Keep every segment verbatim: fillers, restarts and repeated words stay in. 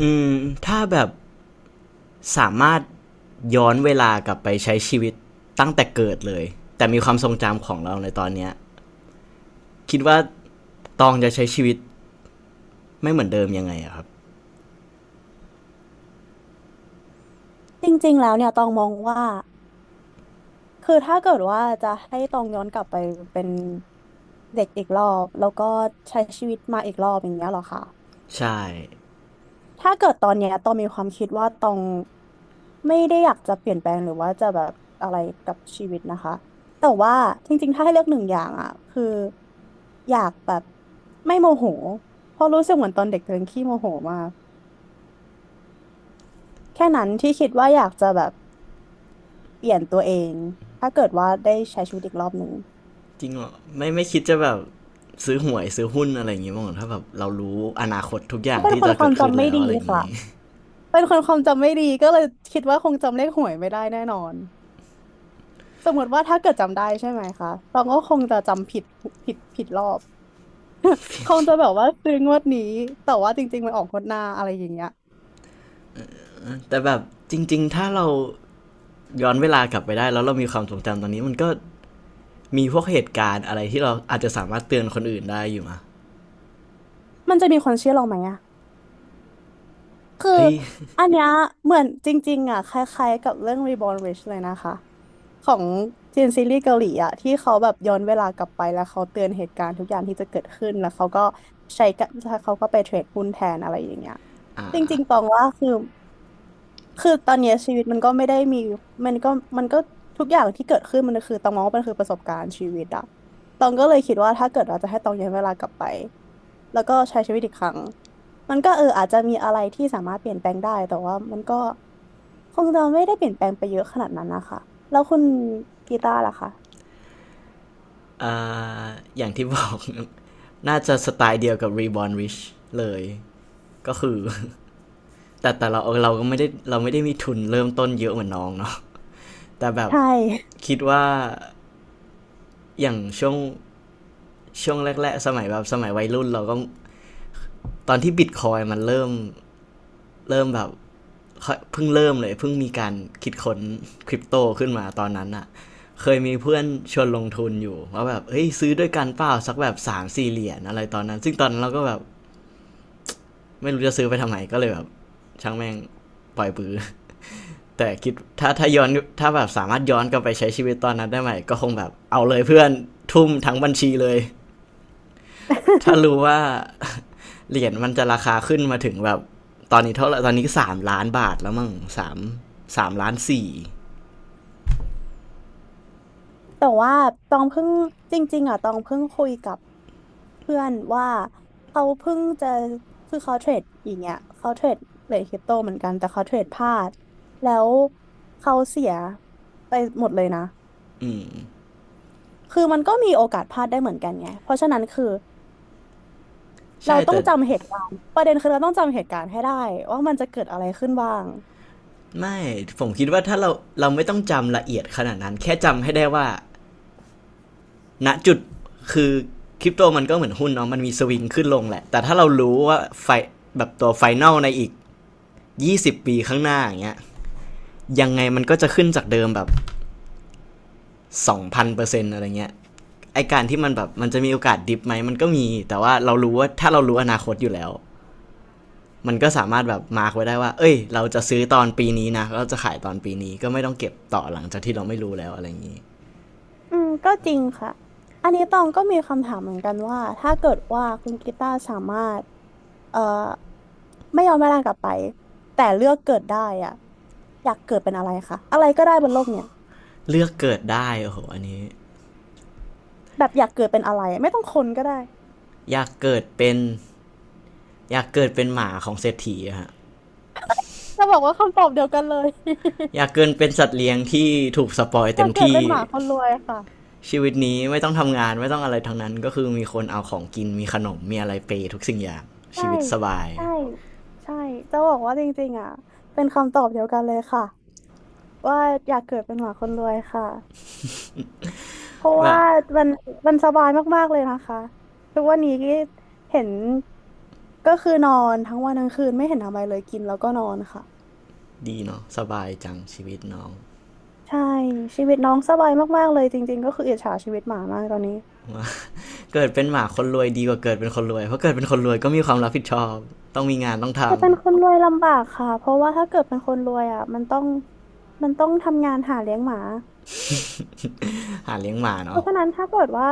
อืมถ้าแบบสามารถย้อนเวลากลับไปใช้ชีวิตตั้งแต่เกิดเลยแต่มีความทรงจำของเราในตอนเนี้ยคิดว่าตองจะใช้ชีวิตไม่เหมือนเดิมยังไงอะครับจริงๆแล้วเนี่ยตองมองว่าคือถ้าเกิดว่าจะให้ตองย้อนกลับไปเป็นเด็กอีกรอบแล้วก็ใช้ชีวิตมาอีกรอบอย่างเงี้ยเหรอคะใช่ถ้าเกิดตอนเนี้ยตองมีความคิดว่าตองไม่ได้อยากจะเปลี่ยนแปลงหรือว่าจะแบบอะไรกับชีวิตนะคะแต่ว่าจริงๆถ้าให้เลือกหนึ่งอย่างอ่ะคืออยากแบบไม่โมโหเพราะรู้สึกเหมือนตอนเด็กตัวเองขี้โมโหมากแค่นั้นที่คิดว่าอยากจะแบบเปลี่ยนตัวเองถ้าเกิดว่าได้ใช้ชีวิตอีกรอบหนึ่ง จริงเหรอไม่ไม่คิดจะแบบซื้อหวยซื้อหุ้นอะไรอย่างงี้บ้างเหรอถ้าแบบเรารู้อนาคตทุกอย่าเขางเป็นที่คจะนคเกิวามดขึ้นจำไม่แล้วดีอะไรอย่างค่ะ งี้ เป็นคนความจำไม่ดีก็เลยคิดว่าคงจำเลขหวยไม่ได้แน่นอน สมมติว่าถ้าเกิดจำได้ใช่ไหมคะตองก็คงจะจำผิดผิดผิดรอบ คงจะแบบว่าซื้องวดนี้แต่ว่าจริงๆมันออกงวดหน้าอะไรอย่างเงี้ย แต่แบบจริงๆถ้าเราย้อนเวลากลับไปได้แล้วเรามีความทรงจำตอนนี้มันก็มีพวกเหตุการณ์อะไรที่เราอาจจะสามารถเตือนคนอื่นได้อยู่มะมันจะมีคนเชื่อเราไหมอะคือเอ้ย อันเนี้ยเหมือนจริงๆอะคล้ายๆกับเรื่อง Reborn Rich เลยนะคะ ของจีนซีรีส์เกาหลีอะที่เขาแบบย้อนเวลากลับไปแล้วเขาเตือนเหตุการณ์ทุกอย่างที่จะเกิดขึ้นแล้วเขาก็ใช้กะแล้วเขาก็ไปเทรดหุ้นแทนอะไรอย่างเงี้ยจริงๆตองว่าคือ คือตอนเนี้ยชีวิตมันก็ไม่ได้มีมันก็มันก็ทุกอย่างที่เกิดขึ้นมันคือตองมองว่ามันคือประสบการณ์ชีวิตอะตองก็เลยคิดว่าถ้าเกิดเราจะให้ตองย้อนเวลากลับไปแล้วก็ใช้ชีวิตอีกครั้งมันก็เอออาจจะมีอะไรที่สามารถเปลี่ยนแปลงได้แต่ว่ามันก็คงจะไม่ได้เปลี่ยนแปลงไปเยอะขนาดนั้นนะคะแล้วคุณกีตาร์ล่ะคะอ่าอย่างที่บอก น่าจะสไตล์เดียวกับ Reborn Rich เลยก็คือ แต่แต่เราเราก็ไม่ได้เราไม่ได้มีทุนเริ่มต้นเยอะเหมือนน้องเนาะ แต่แบบใช่ คิดว่าอย่างช่วงช่วงแรกๆสมัยแบบสมัยวัยรุ่นเราก็ตอนที่บิ c คอยมันเริ่มเริ่มแบบเพิ่งเริ่มเลยเพิ่งมีการคิดค้นคริปโตขึ้นมาตอนนั้นอะเคยมีเพื่อนชวนลงทุนอยู่ว่าแบบเฮ้ยซื้อด้วยกันเปล่าสักแบบสามสี่เหรียญอะไรตอนนั้นซึ่งตอนนั้นเราก็แบบ ไม่รู้จะซื้อไปทำไมก็เลยแบบช่างแม่งปล่อยปือ แต่คิดถ้าถ้าย้อนถ้าแบบสามารถย้อนกลับไปใช้ชีวิตตอนนั้นได้ไหมก็คงแบบเอาเลยเพื่อนทุ่มทั้งบัญชีเลย ถ้ารู้ว่าเหรียญมันจะราคาขึ้นมาถึงแบบตอนนี้เท่าไหร่ตอนนี้สามล้านบาทแล้วมั้งสามสามล้านสี่ แต่ว่าตองเพิ่งจริงๆอ่ะตองเพิ่งคุยกับ เพื่อนว่าเขาเพิ่งจะคือเขาเทรดอย่างเงี้ยเขาเทรดเหรียญคริปโตเหมือนกันแต่เขาเทรดพลาดแล้วเขาเสียไปหมดเลยนะคือมันก็มีโอกาสพลาดได้เหมือนกันไงเพราะฉะนั้นคือเราใช่ต้อแต่งจำเหตุการณ์ประเด็นคือเราต้องจำเหตุการณ์ให้ได้ว่ามันจะเกิดอะไรขึ้นบ้าง ไม่ผมคิดว่าถ้าเราเราไม่ต้องจำละเอียดขนาดนั้นแค่จำให้ได้ว่า ณจุดคือคริปโตมันก็เหมือนหุ้นเนาะมันมีสวิงขึ้นลงแหละแต่ถ้าเรารู้ว่าไฟแบบตัวไฟนอลในอีกยี่สิบปีข้างหน้าอย่างเงี้ยยังไงมันก็จะขึ้นจากเดิมแบบสองพันเปอร์เซ็นต์องพันเปอร์เซ็นต์อะไรเงี้ยไอการที่มันแบบมันจะมีโอกาสดิฟไหมมันก็มีแต่ว่าเรารู้ว่าถ้าเรารู้อนาคตอยู่แล้วมันก็สามารถแบบมาร์กไว้ได้ว่าเอ้ยเราจะซื้อตอนปีนี้นะเราจะขายตอนปีนี้ก็ไม่ต้องเก็บต่อหลังจากที่เราไม่รู้แล้วอะไรอย่างนี้อืมก็จริงค่ะอันนี้ตองก็มีคำถามเหมือนกันว่าถ้าเกิดว่าคุณกีตาร์สามารถเอ่อไม่ยอมแม่ร่างกลับไปแต่เลือกเกิดได้อ่ะอยากเกิดเป็นอะไรคะอะไรก็ได้บนโลกเนี่ยเลือกเกิดได้โอ้โหอันนี้แบบอยากเกิดเป็นอะไรไม่ต้องคนก็ได้อยากเกิดเป็นอยากเกิดเป็นหมาของเศรษฐีอฮะ จะบอกว่าคำตอบเดียวกันเลย อยากเกินเป็นสัตว์เลี้ยงที่ถูกสปอย อเต็ยากมเกิดที่เป็นหมาคนรวยค่ะชีวิตนี้ไม่ต้องทำงานไม่ต้องอะไรทั้งนั้นก็คือมีคนเอาของกินมีขนมมีอะไรเปยทุกสิ่งอย่างใช่ชีวิตสบายใช่ใช่จะบอกว่าจริงๆอ่ะเป็นคำตอบเดียวกันเลยค่ะว่าอยากเกิดเป็นหมาคนรวยค่ะ เพราะแบว่าบมันมันสบายมากๆเลยนะคะทุกวันนี้ที่เห็นก็คือนอนทั้งวันทั้งคืนไม่เห็นทำอะไรเลยกินแล้วก็นอนค่ะดีเนาะสบายจังชีวิตน้องใช่ชีวิตน้องสบายมากๆเลยจริงๆก็คืออิจฉาชีวิตหมามากตอนนี้เกิดเป็นหมาคนรวยดีกว่าเกิดเป็นคนรวยเพราะเกิดเป็นคนรวยก็มีความรับผิดชอบต้องมีงานต้องแต่ทำ เป็นคนรวยลำบากค่ะเพราะว่าถ้าเกิดเป็นคนรวยอ่ะมันต้องมันต้องทำงานหาเลี้ยงหมา หาเลี้ยงหมาเพเนาะราะฉะนั้นถ้าเกิดว่า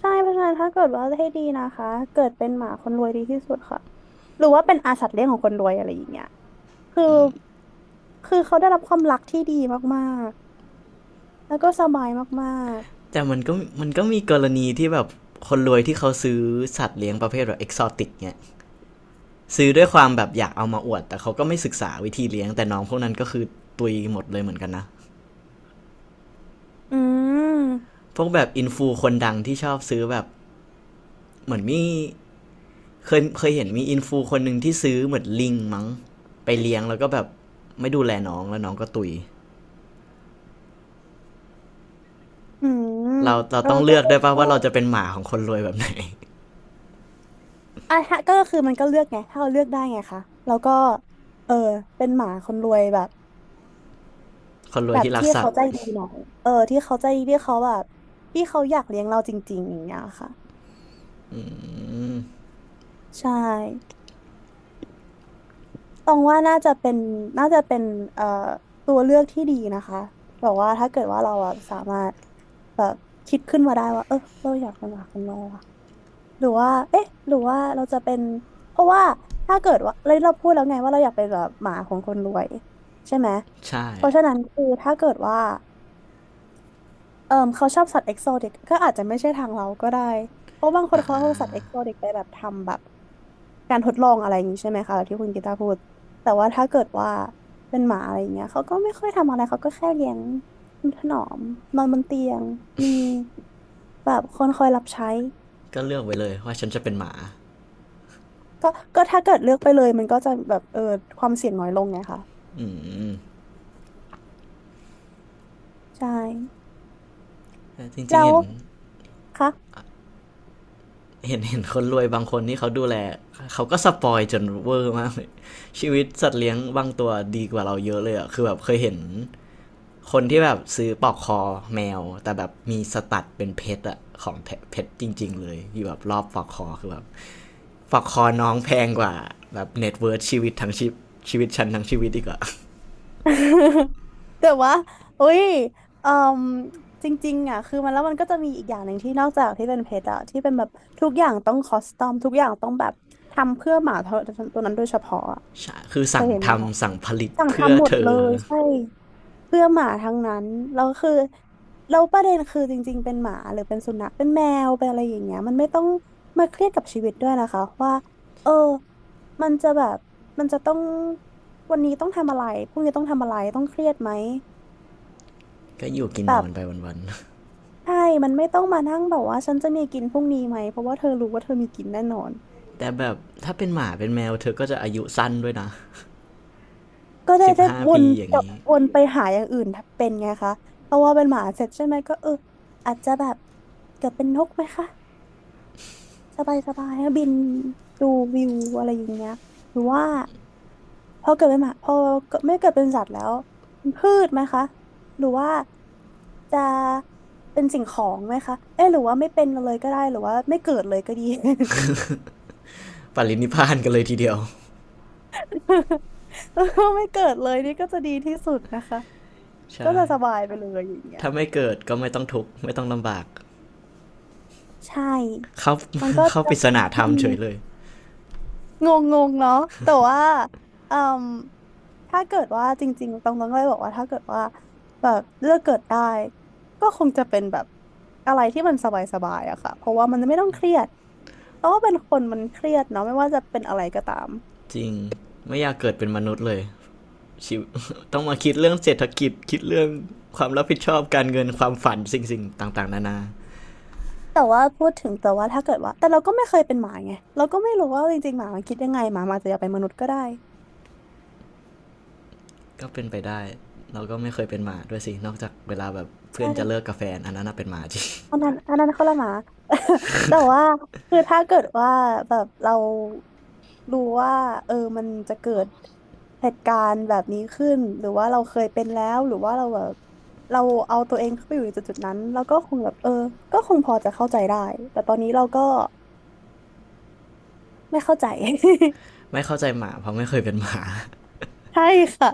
ใช่เพราะฉะนั้นถ้าเกิดว่าให้ดีนะคะเกิดเป็นหมาคนรวยดีที่สุดค่ะหรือว่าเป็นอาสัตว์เลี้ยงของคนรวยอะไรอย่างเงี้ย คือคือเขาได้รับความรักที่ดีมากๆแล้วก็สบายมากแต่มันก็มันก็มีกรณีที่แบบคนรวยที่เขาซื้อสัตว์เลี้ยงประเภทแบบเอกซอติกเนี่ย ซื้อด้วยความแบบอยากเอามาอวดแต่เขาก็ไม่ศึกษาวิธีเลี้ยงแต่น้องพวกนั้นก็คือตุยหมดเลยเหมือนกันนะๆอืมพวกแบบอินฟูคนดังที่ชอบซื้อแบบเหมือนมีเคยเคยเห็นมีอินฟูคนหนึ่งที่ซื้อเหมือนลิงมั้งไปเลี้ยงแล้วก็แบบไม่ดูแลน้องแล้วน้องก็ตุยอืมเราเราเออต้องก็เลือกได้วยป่ะก็ว่าเราจะเป็นหมาของคนรวยแบบไหน อ่ะฮะก็คือมันก็เลือกไงถ้าเราเลือกได้ไงคะแล้วก็เออเป็นหมาคนรวยแบบ คนรวแบยบที่รักที่สัตเขาว์ใจดีหน่อยเออที่เขาใจดีที่เขาแบบที่เขาอยากเลี้ยงเราจริงๆอย่างเงี้ยค่ะใช่ ตรงว่าน่าจะเป็นน่าจะเป็นเอ่อตัวเลือกที่ดีนะคะแบบว่าถ้าเกิดว่าเราอะสามารถแบบคิดขึ้นมาได้ว่าเออเราอยากเป็นหมาของเราอะหรือว่าเอ๊ะหรือว่าเราจะเป็นเพราะว่าถ้าเกิดว่าเราเราพูดแล้วไงว่าเราอยากเป็นแบบหมาของคนรวยใช่ไหมใช่เพราะฉะนั้นคือถ้าเกิดว่าเออเขาชอบสัตว์เอกโซติกก็อาจจะไม่ใช่ทางเราก็ได้เพราะบางคนเขาเอาสัตว์เอกโซติกไปแบบทำแบบ การทดลองอะไรอย่างนี้ใช่ไหมคะที่คุณกีตาร์พูดแต่ว่าถ้าเกิดว่าเป็นหมาอะไรอย่างเงี้ยเขาก็ไม่ค่อยทำอะไร เขาก็แค่เลี้ยงถนอมนอนบนเตียง มีแบบคนคอยรับใช้ก็เลือกไว้เลยว่าฉันจะเป็นหมาก็ก็ถ้าเกิดเลือกไปเลยมันก็จะแบบเออความเสี่ยงน้อยลงไงคะ อืมใช่จริแล้งๆวเห็น คะ เห็นเห็นคนรวยบางคนที่เขาดูแลเขาก็สปอยจนเวอร์มากเลยชีวิตสัตว์เลี้ยงบางตัวดีกว่าเราเยอะเลยอ่ะคือแบบเคยเห็นคนที่แบบซื้อปลอกคอแมวแต่แบบมีสตัดเป็นเพชรอะของ้เพชรจริงๆเลยที่แบบรอบปลอกคอคือแบบปลอกคอน้องแพงกว่าแบบเน็ตเวิร์ธชีวิตทั้งชีพชีวิตฉันทั้งชีวิตอีกอะ แต่ว่าเอ้ยเอ่มจริงๆอ่ะคือมันแล้วมันก็จะมีอีกอย่างหนึ่งที่นอกจากที่เป็นเพชรอะที่เป็นแบบทุกอย่างต้องคอสตอมทุกอย่างต้องแบบทำเพื่อหมาตัวตัวนั้นโดยเฉพาะอะ ใคือเคสั่ยงเห็นไหมคะทำสั่งผลิตสั่งเพื่อทำหมดเธเลอยใช่ เพื่อหมาทั้งนั้นแล้วคือแล้วประเด็นคือจริงๆเป็นหมาหรือเป็นสุนัขเป็นแมวเป็นอะไรอย่างเงี้ยมันไม่ต้องมาเครียดกับชีวิตด้วยนะคะว่าเออมันจะแบบมันจะต้องวันนี้ต้องทำอะไรพรุ่งนี้ต้องทำอะไรต้องเครียดไหมก็อยู่กินแบนอบนไปวันใช่มันไม่ต้องมานั่งแบบว่าฉันจะมีกินพรุ่งนี้ไหมเพราะว่าเธอรู้ว่าเธอมีกินแน่นอนๆแต่แบบถ้าเป็นหมาเป็นแมวเธอก็จะอายุสั้นด้วยนะ ก็ได้สิบได้ห้าวปีนอย่ากงลับนี้วนไปหาอย่างอื่นเป็นไงคะเพราะว่าเป็นหมาเสร็จใช่ไหมก็เอออาจจะแบบเกิดเป็นนกไหมคะ สบายสบายบินดูวิวอะไรอย่างเงี้ยหรือว่าพอเกิดเป็นหมาพอเกิดไม่เกิดเป็นสัตว์แล้วเป็นพืชไหมคะหรือว่าจะเป็นสิ่งของไหมคะเอ๊ะหรือว่าไม่เป็นเลยก็ได้หรือว่าไม่เกิดเลยก็ดี ปรินิพพานกันเลยทีเดียว แล้วก็ไม่เกิดเลยนี่ก็จะดีที่สุดนะคะก็ใช่จะสบายไปเลยอย่างเงี้ยถ้าไม่เกิดก็ไม่ต้องทุกข์ไม่ต้องลำบากใช่เข้า มันก็ เข้าปจะริศนาธรอืรมเฉม ยเลยงงงงเนาะแต่ว่าอืมถ้าเกิดว่าจริงๆตองต้องเลยบอกว่าถ้าเกิดว่าแบบเลือกเกิดได้ก็คงจะเป็นแบบอะไรที่มันสบายๆอะค่ะเพราะว่ามันไม่ต้องเครียดเพราะว่าเป็นคนมันเครียดเนาะไม่ว่าจะเป็นอะไรก็ตามจริงไม่อยากเกิดเป็นมนุษย์เลยต้องมาคิดเรื่องเศรษฐกิจคิดเรื่องความรับผิดชอบการเงินความฝันสิ่งๆต่างๆนานาแต่ว่าพูดถึงแต่ว่าถ้าเกิดว่าแต่เราก็ไม่เคยเป็นหมาไงเราก็ไม่รู้ว่าจริงๆหมามันคิดยังไงหมามันอาจจะอยากเป็นมนุษย์ก็ได้ก็เป็นไปได้เราก็ไม่เคยเป็นหมาด้วยสินอกจากเวลาแบบเพื่ใช่ อนจะเลิกกาแฟอันนั้นน่ะเป็นหมาจริงอันนั้นอันนั้นคนละหมา แต่ว่าคือถ้าเกิดว่าแบบเรารู้ว่าเออมันจะเกิดเหตุการณ์แบบนี้ขึ้นหรือว่าเราเคยเป็นแล้วหรือว่าเราแบบเราเอาตัวเองเข้าไปอยู่ในจุดจุดนั้นเราก็คงแบบเออก็คงพอจะเข้าใจได้แต่ตอนนี้เราก็ไม่เข้าใจ ไม่เข้าใจหมาเพราะไม่เคยเป็นหมา ใช่ค่ะ